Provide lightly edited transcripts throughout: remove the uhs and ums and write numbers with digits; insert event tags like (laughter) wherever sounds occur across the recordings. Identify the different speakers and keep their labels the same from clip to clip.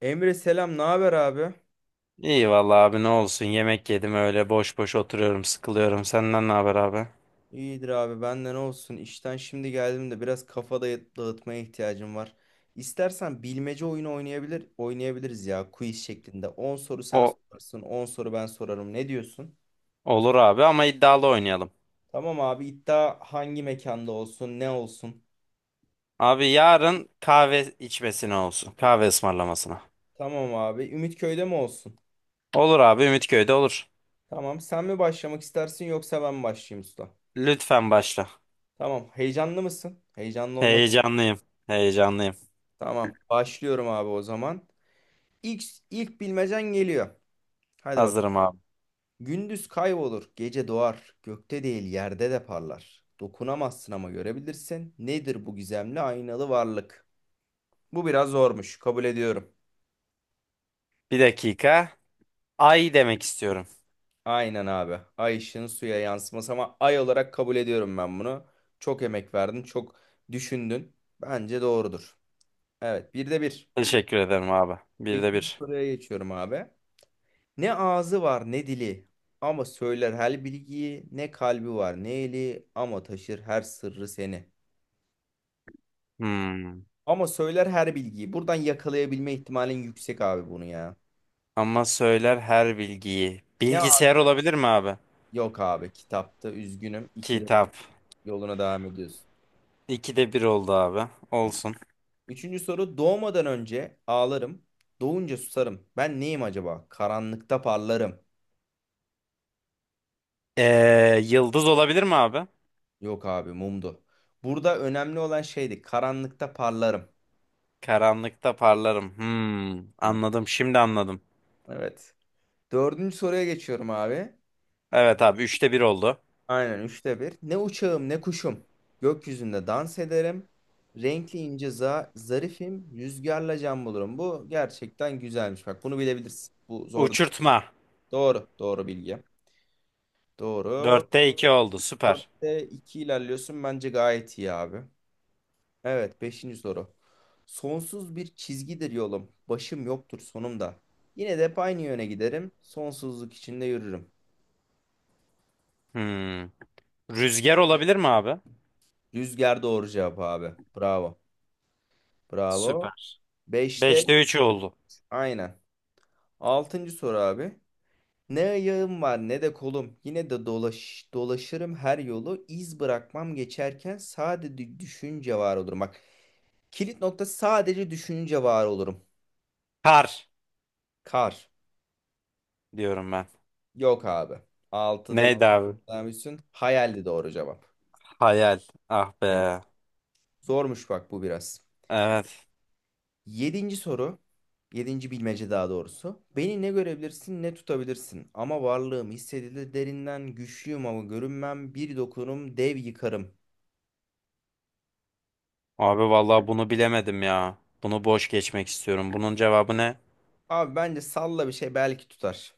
Speaker 1: Emre selam, ne haber abi?
Speaker 2: İyi vallahi abi ne olsun, yemek yedim, öyle boş boş oturuyorum, sıkılıyorum. Senden ne haber abi?
Speaker 1: İyidir abi, benden olsun. İşten şimdi geldim de biraz kafa dağıtmaya ihtiyacım var. İstersen bilmece oyunu oynayabiliriz ya quiz şeklinde. On soru sen
Speaker 2: O
Speaker 1: sorarsın, 10 soru ben sorarım. Ne diyorsun?
Speaker 2: olur abi, ama iddialı oynayalım.
Speaker 1: Tamam abi, iddia hangi mekanda olsun, ne olsun?
Speaker 2: Abi yarın kahve içmesine olsun. Kahve ısmarlamasına.
Speaker 1: Tamam abi, Ümitköy'de mi olsun?
Speaker 2: Olur abi, Ümitköy'de olur.
Speaker 1: Tamam, sen mi başlamak istersin yoksa ben mi başlayayım usta?
Speaker 2: Lütfen başla.
Speaker 1: Tamam, heyecanlı mısın? Heyecanlı olmak.
Speaker 2: Heyecanlıyım. Heyecanlıyım.
Speaker 1: Tamam, başlıyorum abi o zaman. İlk, ilk bilmecen geliyor. Hadi bakalım.
Speaker 2: Hazırım abi.
Speaker 1: Gündüz kaybolur, gece doğar, gökte değil yerde de parlar. Dokunamazsın ama görebilirsin. Nedir bu gizemli aynalı varlık? Bu biraz zormuş, kabul ediyorum.
Speaker 2: Bir dakika. Ay demek istiyorum.
Speaker 1: Aynen abi. Ay ışığın suya yansıması ama ay olarak kabul ediyorum ben bunu. Çok emek verdin, çok düşündün. Bence doğrudur. Evet, bir de bir.
Speaker 2: Teşekkür ederim abi. Bir de
Speaker 1: İkinci
Speaker 2: bir.
Speaker 1: soruya geçiyorum abi. Ne ağzı var ne dili ama söyler her bilgiyi, ne kalbi var ne eli ama taşır her sırrı seni.
Speaker 2: Hmm.
Speaker 1: Ama söyler her bilgiyi. Buradan yakalayabilme ihtimalin yüksek abi bunu ya.
Speaker 2: Ama söyler her bilgiyi.
Speaker 1: Ne abi?
Speaker 2: Bilgisayar olabilir mi abi?
Speaker 1: Yok abi kitapta üzgünüm. İkide
Speaker 2: Kitap.
Speaker 1: yoluna devam ediyorsun.
Speaker 2: İkide bir oldu abi. Olsun.
Speaker 1: Üçüncü soru doğmadan önce ağlarım. Doğunca susarım. Ben neyim acaba? Karanlıkta parlarım.
Speaker 2: Yıldız olabilir mi abi?
Speaker 1: Yok abi mumdu. Burada önemli olan şeydi. Karanlıkta parlarım.
Speaker 2: Karanlıkta parlarım. Hmm,
Speaker 1: Heh,
Speaker 2: anladım. Şimdi anladım.
Speaker 1: evet. Dördüncü soruya geçiyorum abi.
Speaker 2: Evet abi, üçte bir oldu.
Speaker 1: Aynen üçte bir. Ne uçağım ne kuşum. Gökyüzünde dans ederim. Renkli ince zarifim. Rüzgarla can bulurum. Bu gerçekten güzelmiş. Bak bunu bilebilirsin. Bu zor değil.
Speaker 2: Uçurtma.
Speaker 1: Doğru. Doğru bilgi. Doğru.
Speaker 2: Dörtte 2 oldu. Süper.
Speaker 1: Dörtte iki ilerliyorsun. Bence gayet iyi abi. Evet. Beşinci soru. Sonsuz bir çizgidir yolum. Başım yoktur sonumda. Yine de hep aynı yöne giderim. Sonsuzluk içinde yürürüm.
Speaker 2: Hmm. Rüzgar olabilir mi abi?
Speaker 1: Rüzgar doğru cevap abi. Bravo. Bravo.
Speaker 2: Süper.
Speaker 1: Beşte
Speaker 2: Beşte 3 oldu.
Speaker 1: aynen. Altıncı soru abi. Ne ayağım var ne de kolum. Yine de dolaşırım her yolu. İz bırakmam geçerken, sadece düşünce var olurum. Bak, kilit nokta sadece düşünce var olurum.
Speaker 2: Kar
Speaker 1: Kar.
Speaker 2: diyorum ben.
Speaker 1: Yok abi. Altıda
Speaker 2: Neydi abi?
Speaker 1: yüklenmişsin. Hayaldi doğru cevap.
Speaker 2: Hayal. Ah
Speaker 1: Yani
Speaker 2: be.
Speaker 1: zormuş bak bu biraz.
Speaker 2: Evet.
Speaker 1: Yedinci soru. Yedinci bilmece daha doğrusu. Beni ne görebilirsin ne tutabilirsin. Ama varlığım hissedilir derinden. Güçlüyüm ama görünmem. Bir dokunurum dev yıkarım.
Speaker 2: Abi vallahi bunu bilemedim ya. Bunu boş geçmek istiyorum. Bunun cevabı ne?
Speaker 1: Abi bence salla bir şey belki tutar.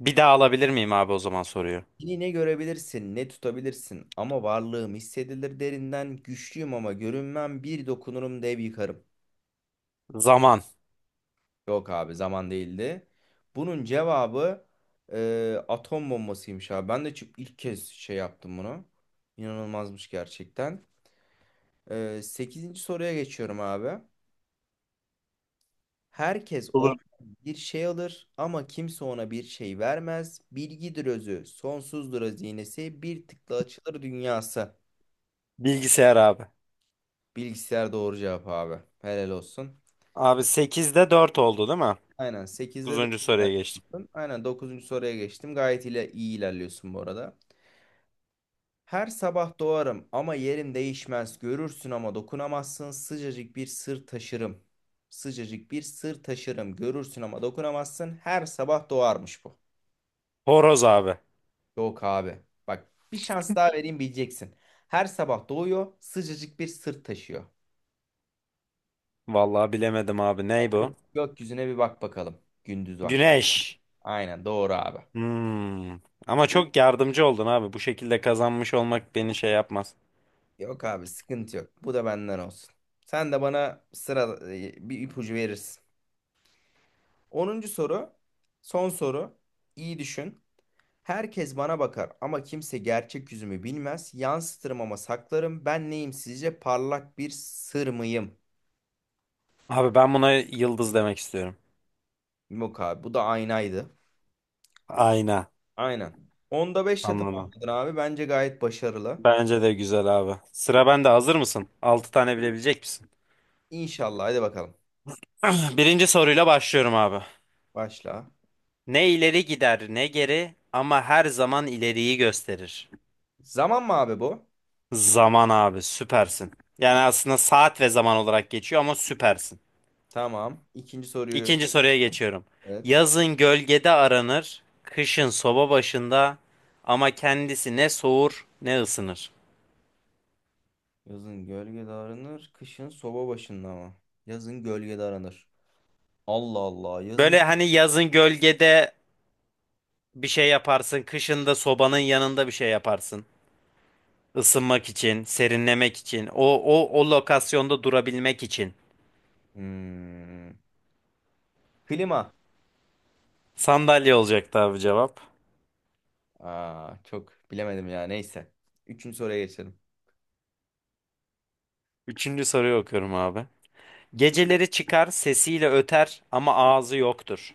Speaker 2: Bir daha alabilir miyim abi, o zaman, soruyu?
Speaker 1: Yine ne görebilirsin, ne tutabilirsin ama varlığım hissedilir derinden, güçlüyüm ama görünmem, bir dokunurum dev yıkarım.
Speaker 2: Zaman.
Speaker 1: Yok abi zaman değildi. Bunun cevabı atom bombasıymış abi. Ben de ilk kez şey yaptım bunu. İnanılmazmış gerçekten. 8. soruya geçiyorum abi. Herkes
Speaker 2: Olur.
Speaker 1: ondan bir şey alır ama kimse ona bir şey vermez. Bilgidir özü, sonsuzdur hazinesi, bir tıkla açılır dünyası.
Speaker 2: Bilgisayar abi.
Speaker 1: Bilgisayar doğru cevap abi. Helal olsun.
Speaker 2: Abi sekizde 4 oldu değil mi?
Speaker 1: Aynen, sekizde
Speaker 2: 9. soruya
Speaker 1: 4.
Speaker 2: geçtim.
Speaker 1: Aynen, dokuzuncu soruya geçtim. Gayet ile iyi ilerliyorsun bu arada. Her sabah doğarım ama yerim değişmez. Görürsün ama dokunamazsın. Sıcacık bir sır taşırım. Sıcacık bir sır taşırım. Görürsün ama dokunamazsın. Her sabah doğarmış bu.
Speaker 2: Horoz abi.
Speaker 1: Yok abi. Bak, bir şans daha vereyim, bileceksin. Her sabah doğuyor, sıcacık bir sırt taşıyor.
Speaker 2: Vallahi bilemedim abi. Ney bu?
Speaker 1: Gökyüzüne bir bak bakalım. Gündüz vakti.
Speaker 2: Güneş.
Speaker 1: Aynen doğru abi.
Speaker 2: Hmm. Ama çok yardımcı oldun abi. Bu şekilde kazanmış olmak beni şey yapmaz.
Speaker 1: Yok abi sıkıntı yok. Bu da benden olsun. Sen de bana sıra bir ipucu verirsin. Onuncu soru. Son soru. İyi düşün. Herkes bana bakar ama kimse gerçek yüzümü bilmez. Yansıtırım ama saklarım. Ben neyim sizce? Parlak bir sır mıyım?
Speaker 2: Abi ben buna yıldız demek istiyorum.
Speaker 1: Yok abi, bu da aynaydı.
Speaker 2: Ayna.
Speaker 1: Aynen. Onda 5'le
Speaker 2: Anladım.
Speaker 1: tamamladın abi. Bence gayet başarılı.
Speaker 2: Bence de güzel abi. Sıra bende. Hazır mısın? 6 tane bilebilecek misin?
Speaker 1: İnşallah. Hadi bakalım.
Speaker 2: (clears throat) Birinci soruyla başlıyorum abi.
Speaker 1: Başla.
Speaker 2: Ne ileri gider ne geri, ama her zaman ileriyi gösterir.
Speaker 1: Zaman mı abi bu?
Speaker 2: Zaman abi, süpersin. Yani aslında saat ve zaman olarak geçiyor ama süpersin.
Speaker 1: Tamam. İkinci soruyu.
Speaker 2: İkinci soruya geçiyorum.
Speaker 1: Evet.
Speaker 2: Yazın gölgede aranır, kışın soba başında, ama kendisi ne soğur ne ısınır.
Speaker 1: Yazın gölgede aranır. Kışın soba başında mı? Yazın gölgede aranır. Allah Allah. Yazın...
Speaker 2: Böyle hani yazın gölgede bir şey yaparsın, kışın da sobanın yanında bir şey yaparsın. Isınmak için, serinlemek için, o lokasyonda durabilmek için.
Speaker 1: Hmm. Klima.
Speaker 2: Sandalye olacaktı abi, cevap.
Speaker 1: Aa, çok bilemedim ya. Neyse. Üçüncü soruya geçelim.
Speaker 2: Üçüncü soruyu okuyorum abi. Geceleri çıkar, sesiyle öter ama ağzı yoktur.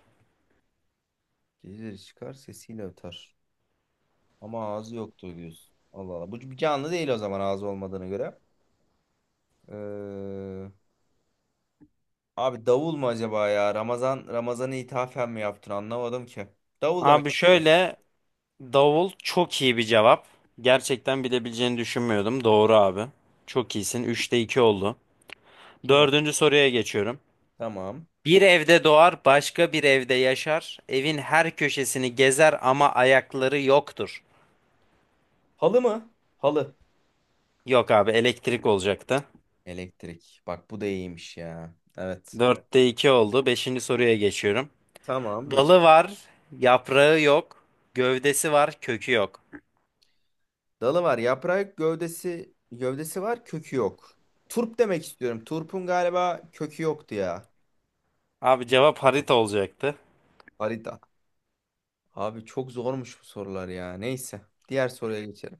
Speaker 1: Geceleri çıkar sesiyle öter. Ama ağzı yoktu diyorsun. Allah Allah. Bu bir canlı değil o zaman, ağzı olmadığına göre. Ee, Abi davul mu acaba ya? Ramazan'ı ithafen mi yaptın? Anlamadım ki. Davul demek
Speaker 2: Abi
Speaker 1: istiyorum.
Speaker 2: şöyle, davul çok iyi bir cevap. Gerçekten bilebileceğini düşünmüyordum. Doğru abi. Çok iyisin. Üçte 2 oldu.
Speaker 1: Tamam.
Speaker 2: Dördüncü soruya geçiyorum.
Speaker 1: Tamam.
Speaker 2: Bir evde doğar, başka bir evde yaşar. Evin her köşesini gezer ama ayakları yoktur.
Speaker 1: Halı mı? Halı.
Speaker 2: Yok abi, elektrik olacaktı.
Speaker 1: Elektrik. Bak bu da iyiymiş ya. Evet.
Speaker 2: Dörtte 2 oldu. Beşinci soruya geçiyorum.
Speaker 1: Tamam. Geç.
Speaker 2: Dalı var, yaprağı yok. Gövdesi var, kökü yok.
Speaker 1: Dalı var. Yaprağı yok, gövdesi var. Kökü yok. Turp demek istiyorum. Turp'un galiba kökü yoktu ya.
Speaker 2: Abi cevap harita olacaktı.
Speaker 1: Harita. Abi çok zormuş bu sorular ya. Neyse. Diğer soruya geçelim.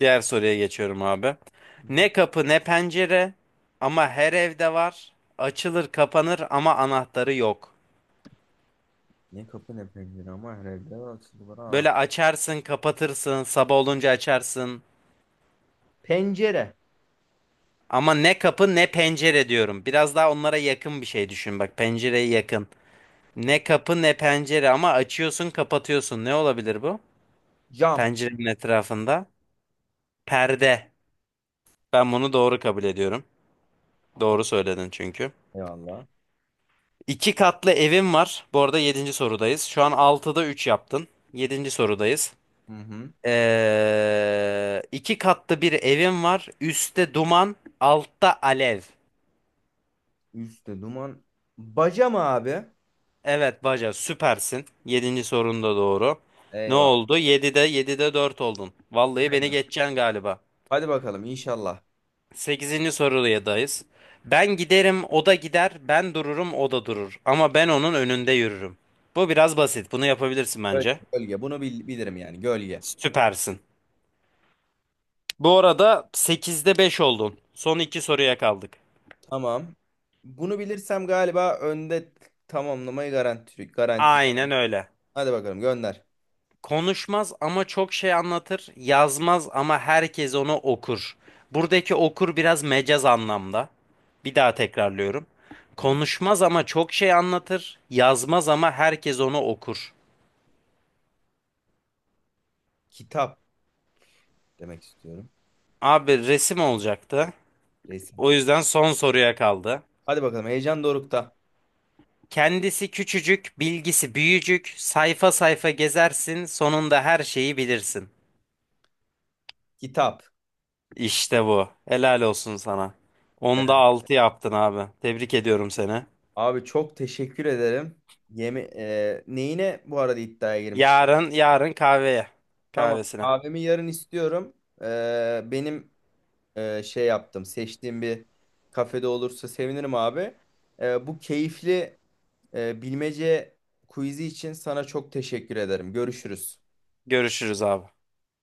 Speaker 2: Diğer soruya geçiyorum abi.
Speaker 1: (laughs) Hı hı.
Speaker 2: Ne kapı ne pencere ama her evde var. Açılır kapanır ama anahtarı yok.
Speaker 1: Ne kapı ne pencere ama herhalde açıldı bana.
Speaker 2: Böyle açarsın kapatırsın, sabah olunca açarsın.
Speaker 1: Pencere.
Speaker 2: Ama ne kapı ne pencere diyorum. Biraz daha onlara yakın bir şey düşün, bak pencereye yakın. Ne kapı ne pencere ama açıyorsun kapatıyorsun. Ne olabilir bu?
Speaker 1: Cam.
Speaker 2: Pencerenin etrafında. Perde. Ben bunu doğru kabul ediyorum. Doğru söyledin çünkü.
Speaker 1: Eyvallah.
Speaker 2: İki katlı evim var. Bu arada yedinci sorudayız. Şu an altıda 3 yaptın. Yedinci sorudayız.
Speaker 1: Hı hı.
Speaker 2: İki katlı bir evim var. Üstte duman, altta alev.
Speaker 1: Üste duman. Baca mı abi?
Speaker 2: Evet, baca, süpersin. Yedinci sorun da doğru. Ne
Speaker 1: Eyvah.
Speaker 2: oldu? 7'de 4 oldun. Vallahi beni
Speaker 1: Aynen.
Speaker 2: geçeceksin galiba.
Speaker 1: Hadi bakalım inşallah.
Speaker 2: Sekizinci sorudayız. Ben giderim, o da gider. Ben dururum, o da durur. Ama ben onun önünde yürürüm. Bu biraz basit. Bunu yapabilirsin
Speaker 1: Böyle.
Speaker 2: bence.
Speaker 1: Gölge. Bunu bilirim yani gölge.
Speaker 2: Süpersin. Bu arada sekizde 5 oldun. Son iki soruya kaldık.
Speaker 1: Tamam. Bunu bilirsem galiba önde tamamlamayı garanti garanti.
Speaker 2: Aynen öyle.
Speaker 1: Hadi bakalım gönder.
Speaker 2: Konuşmaz ama çok şey anlatır. Yazmaz ama herkes onu okur. Buradaki okur biraz mecaz anlamda. Bir daha tekrarlıyorum.
Speaker 1: Tamam.
Speaker 2: Konuşmaz ama çok şey anlatır. Yazmaz ama herkes onu okur.
Speaker 1: Kitap demek istiyorum.
Speaker 2: Abi resim olacaktı.
Speaker 1: Resim.
Speaker 2: O yüzden son soruya kaldı.
Speaker 1: Hadi bakalım, heyecan dorukta.
Speaker 2: Kendisi küçücük, bilgisi büyücük. Sayfa sayfa gezersin, sonunda her şeyi bilirsin.
Speaker 1: Kitap.
Speaker 2: İşte bu. Helal olsun sana. Onda
Speaker 1: Evet.
Speaker 2: 6 yaptın abi. Tebrik ediyorum seni.
Speaker 1: Abi çok teşekkür ederim. Yemi neyine bu arada iddiaya girmiştim.
Speaker 2: Yarın yarın kahveye.
Speaker 1: Tamam.
Speaker 2: Kahvesine.
Speaker 1: Abimi yarın istiyorum. Benim şey yaptım. Seçtiğim bir kafede olursa sevinirim abi. Bu keyifli bilmece quiz'i için sana çok teşekkür ederim. Görüşürüz.
Speaker 2: Görüşürüz abi.